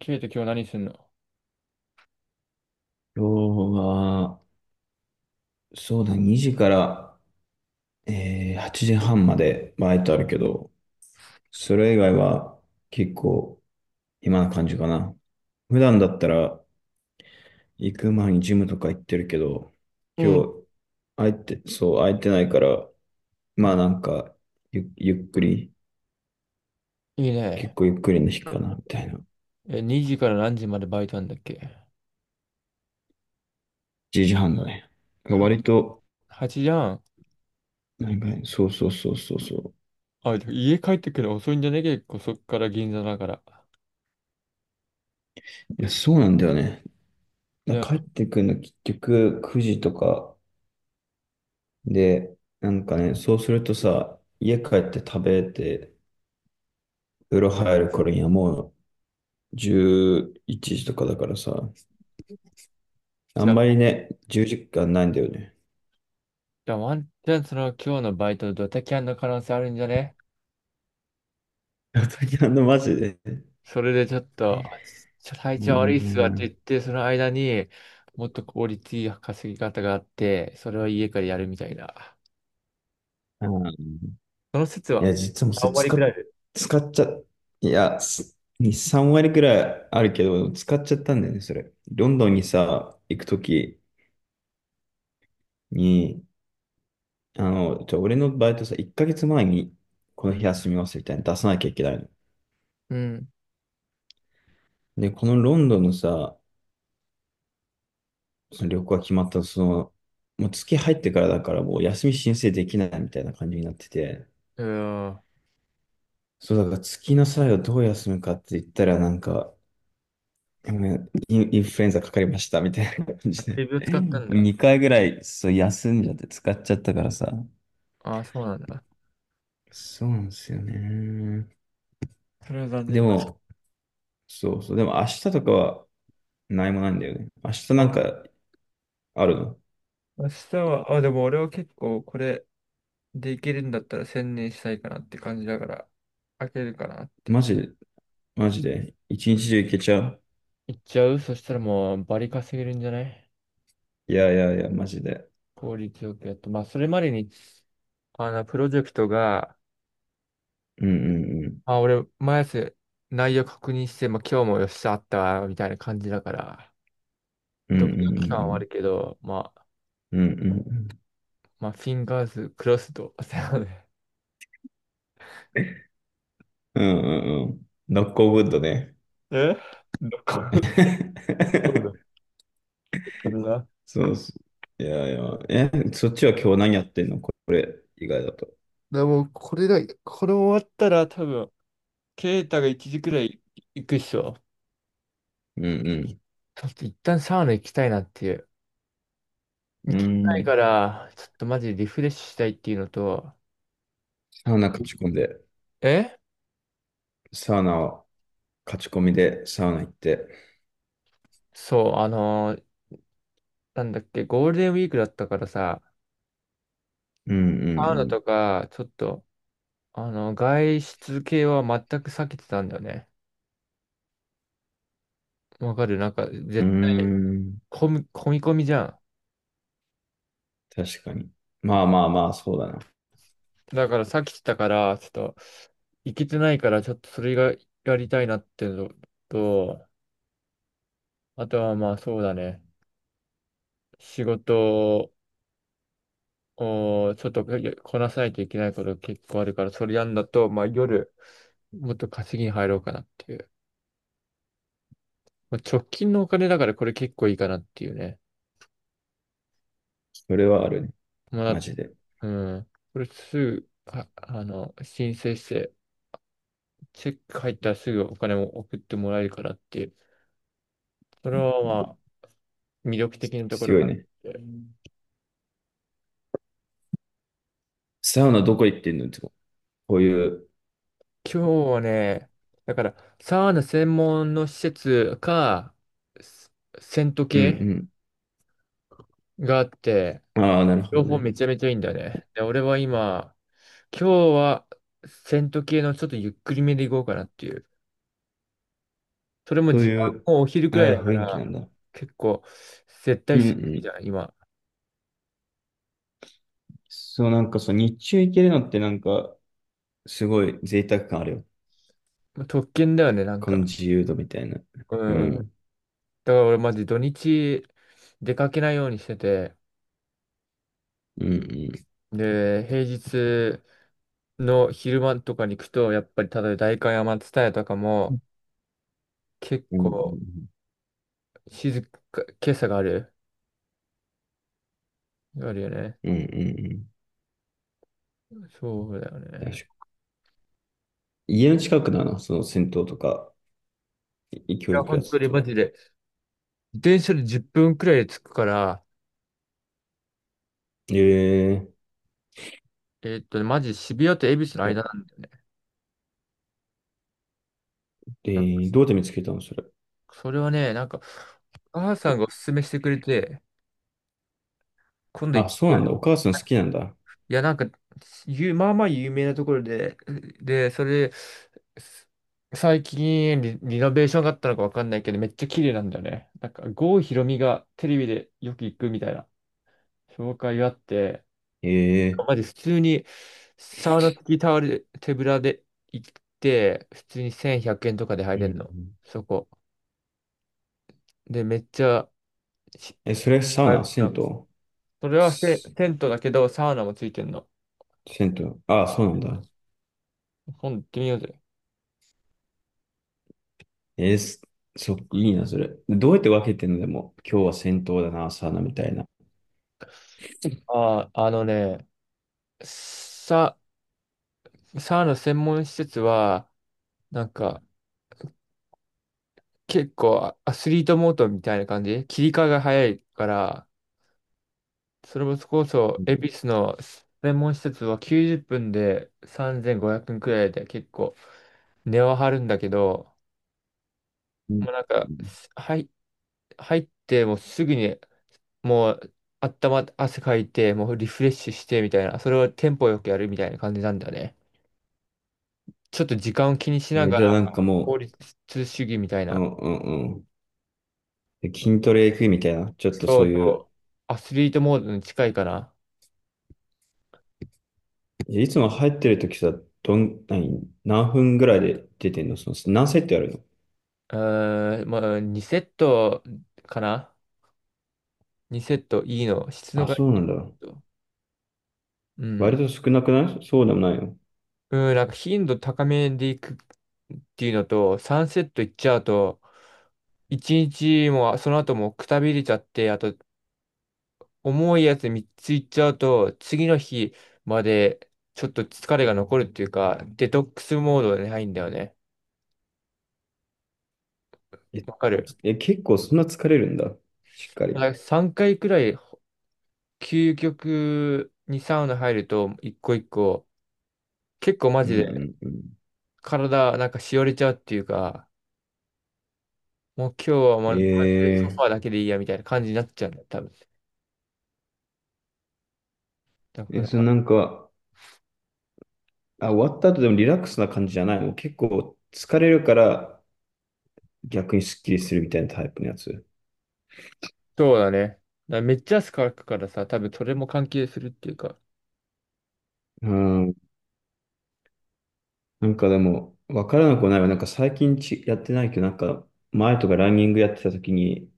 ケイト、今日何すんの？今日は、そうだ、2時から、8時半までバイトあるけど、それ以外は結構暇な感じかな。普段だったら行く前にジムとか行ってるけど、う今ん。日、空いて、そう、空いてないから、まあなんか、ゆっくり、いい結ね。構ゆっくりの日かな、みたいな。え、2時から何時までバイトなんだっけ？1時半だね。は、割と、8じゃん。なんかね、そうそうそうそうそあ、でも家帰ってくるの遅いんじゃね？結構そっから銀座だから。う。いや、そうなんだよね。でも、帰ってくるの結局9時とかで、なんかね、そうするとさ、家帰って食べて、風呂入る頃にはもう11時とかだからさ、あじゃんまりあ、ね、10時間ないんだよね。じゃあワンチャンその今日のバイトドタキャンの可能性あるんじゃね？ にマジで。うそれでちょっと体ー調悪いっすわってん。言って、その間にもっと効率いい稼ぎ方があって、それは家からやるみたいな。うん、その説いは、や、実はもうそれパリ使クラっ、イ使っちゃ、いや、3割くらいあるけど、使っちゃったんだよね、それ。ロンドンにさ、行くときに、俺のバイトさ、1ヶ月前にこブ。のうん。日休みますみたいなの出さなきゃいけないの。うん。で、このロンドンのさ、その旅行が決まった、もう月入ってからだからもう休み申請できないみたいな感じになってて、うん。そうだから月の際はどう休むかって言ったらなんか、ごめんインフルエンザかかりましたみたいな感あ、じで。警備を 使ったんだ。2回ぐらいそう休んじゃって使っちゃったからさ。ああ、そうなんだ。そうなんですよね。それは残で念。も、そうそう。でも明日とかは何もないんだよね。明日うなん。んかあるの？明日は、あ、でも俺は結構これできるんだったら専念したいかなって感じだから、開けるかなって。マジで、マジで。一日中行けちゃう？行っちゃう。そしたらもうバリ稼げるんじゃない？いやいやいや、マジで。効率よくやっと。まあ、それまでに、プロジェクトが、うんうんうん。あ、俺、毎朝内容確認して、まあ、今日もよっしゃあったわ、みたいな感じだから、うドキドキ感はあんるけど、まあ、うんうんうんうんうんまあ、フィンガーズクロスド。そうね。うんうんうん。ノックオウッドね。え？ どこ、どうだっ たかな？そうそう。いやいや。え、そっちは今日何やってんの、これ以外だと？らもう、これだ、これ終わったら多分、ケイタが1時くらい行くっしょ。うんちょっと一旦サウナ行きたいなっていう。う行きん。たういん。から、ちょっとマジでリフレッシュしたいっていうのと、サウナ勝ち込んで、えサウナを勝ち込みでサウナ行って。そう、なんだっけ、ゴールデンウィークだったからさ、うんうサウナんとか、ちょっと、外出系は全く避けてたんだよね。わかる。なんか、うん。絶う対、ーん。混み込みじゃん。確かに。まあまあまあ、そうだな。だから避けてたから、ちょっと、行けてないから、ちょっとそれがやりたいなっていうのと、あとはまあそうだね。仕事をちょっとこなさないといけないこと結構あるから、それやんだと、まあ夜、もっと稼ぎに入ろうかなっていう。まあ、直近のお金だからこれ結構いいかなっていうね。それはあるね。まあ、マジで。うん。これすぐ、申請して、チェック入ったらすぐお金も送ってもらえるからっていう。それはまあ、魅力的なところ強いかなっね。て。サウナどこ行ってんの、いつも？こういう。今日はね、だから、サウナ専門の施設か、セセントう系んがあって、うん。ああ、なるほ両ど方ね。めちゃめちゃいいんだよね。で、俺は今日はセント系のちょっとゆっくりめでいこうかなっていう。それもそう時間いう、もお昼くらあいだー、か雰囲気なんら、だ。結構、絶う対んうするん。じゃん、今。そう、なんかそう、日中行けるのってなんか、すごい贅沢感あるよ。まあ特権だよね、なんこのか。自由度みたいな。ううんうん。だかん。ら俺マジ土日出かけないようにしてて、うんうん。で、平日の昼間とかに行くと、やっぱり、例えば代官山蔦屋とかも、結うん構、静か、今朝がある。あるよね。うんうん。うんうんうん。そうだよ確ね。かに。家の近くだな、その銭湯とか、い教や、育本や当つにマは。ジで。自転車で10分くらいで着くから、ええ、マジ渋谷と恵比寿のいや、間なんだよね。えなんかどうやって見つけたの、それ？それはね、なんか、母さんがおすすめしてくれて、今度行あ、ってそうみよなんだ。う。お母さん好きなんだ。いや、なんか、まあまあ有名なところで、で、それ、す最近リノベーションがあったのかわかんないけど、めっちゃ綺麗なんだよね。なんか、郷ひろみがテレビでよく行くみたいな紹介があって、ええ、まじ普通にサウナ付きタオル、手ぶらで行って、普通に1100円とかで入うんれうるの。ん。そこ。で、めっちゃ、しえ、それサウナ、それはすテントだけど、サウナもついてんの。銭湯。ああ、そうなんだ。今度行ってみようぜ。えーすそっか、いいな、それ。どうやって分けてんの？でも、今日は戦闘だな、サウナみたいな。ああ、あのね、さ、サウナ専門施設は、なんか、結構アスリートモードみたいな感じ切り替えが早いから、それこそ、う恵ん比寿の専門施設は90分で3500円くえんくらいで結構値は張るんだけど、うん、もうなんか、入ってもうすぐにもう汗かいて、もうリフレッシュしてみたいな、それをテンポよくやるみたいな感じなんだよね。ちょっと時間を気にしなね、がじゃあら、なんか効も率主義みたいう、うな。んうんうん。で筋トレ行くみたいな、ちょっとそそうういそう、う。アスリートモードに近いかな。え、いつも入ってる時さ、どん、何、何分ぐらいで出てんの、何セットやるの？うーん、まあ、2セットかな ?2 セットいいの。質のあ、がそいういなんだ。セット。う割ん。と少なくない？そうでもないよ。うん、なんか頻度高めでいくっていうのと、3セットいっちゃうと、1日もその後もくたびれちゃって、あと重いやつ3ついっちゃうと、次の日までちょっと疲れが残るっていうか、デトックスモードに入るんだよね。え、わかる。結構そんな疲れるんだ。しっかり。まあ、3回くらい究極にサウナ入ると、一個一個、結構マうんジでうんうん。体なんかしおれちゃうっていうか、もう今日はマジでソフえァーだけでいいやみたいな感じになっちゃうんだよ、多分。だかえ、ら、なんか、あ、終わった後でもリラックスな感じじゃないの？結構疲れるから逆にスッキリするみたいなタイプのやつ。そうだね。だからめっちゃ汗かくからさ、多分それも関係するっていうか。うん。なんかでも、わからなくはないわ。なんか最近やってないけど、なんか前とかランニングやってた時に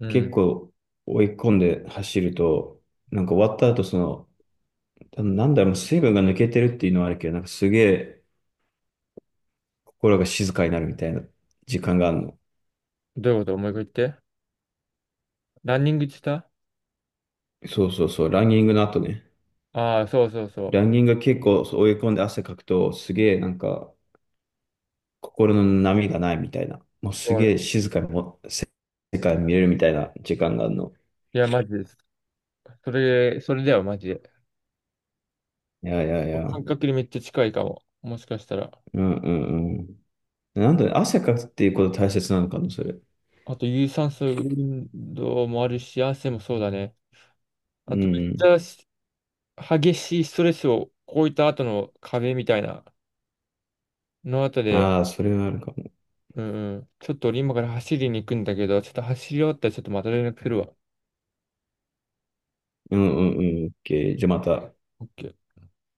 う結ん。構追い込んで走ると、なんか終わった後、なんだろう、水分が抜けてるっていうのはあるけど、なんかすげえ心が静かになるみたいな時間があるの。どういうこと思い一か言って。ランニングしてた？そうそうそう、ランニングの後ね。ああー、そうそうそラう。ンニング結構そう追い込んで汗かくと、すげえなんか心の波がないみたいな。もうそすげう。え静かにも世界見れるみたいな時間があるの。いや、マジです。それだよ、マジで。いやいやいや。う感ん覚にめっちゃ近いかも。もしかしたら。うんうん。なんだ、汗かくっていうこと大切なのかな、それ？あと、有酸素運動もあるし、汗もそうだね。あうと、めっちん。ゃ激しいストレスをこういった後の壁みたいなの後で、ああ、それはあるかも。うんうん、ちょっと俺今から走りに行くんだけど、ちょっと走り終わったらちょっとまた連絡するわ。うんうんうん。オッケー、じゃあまた。OK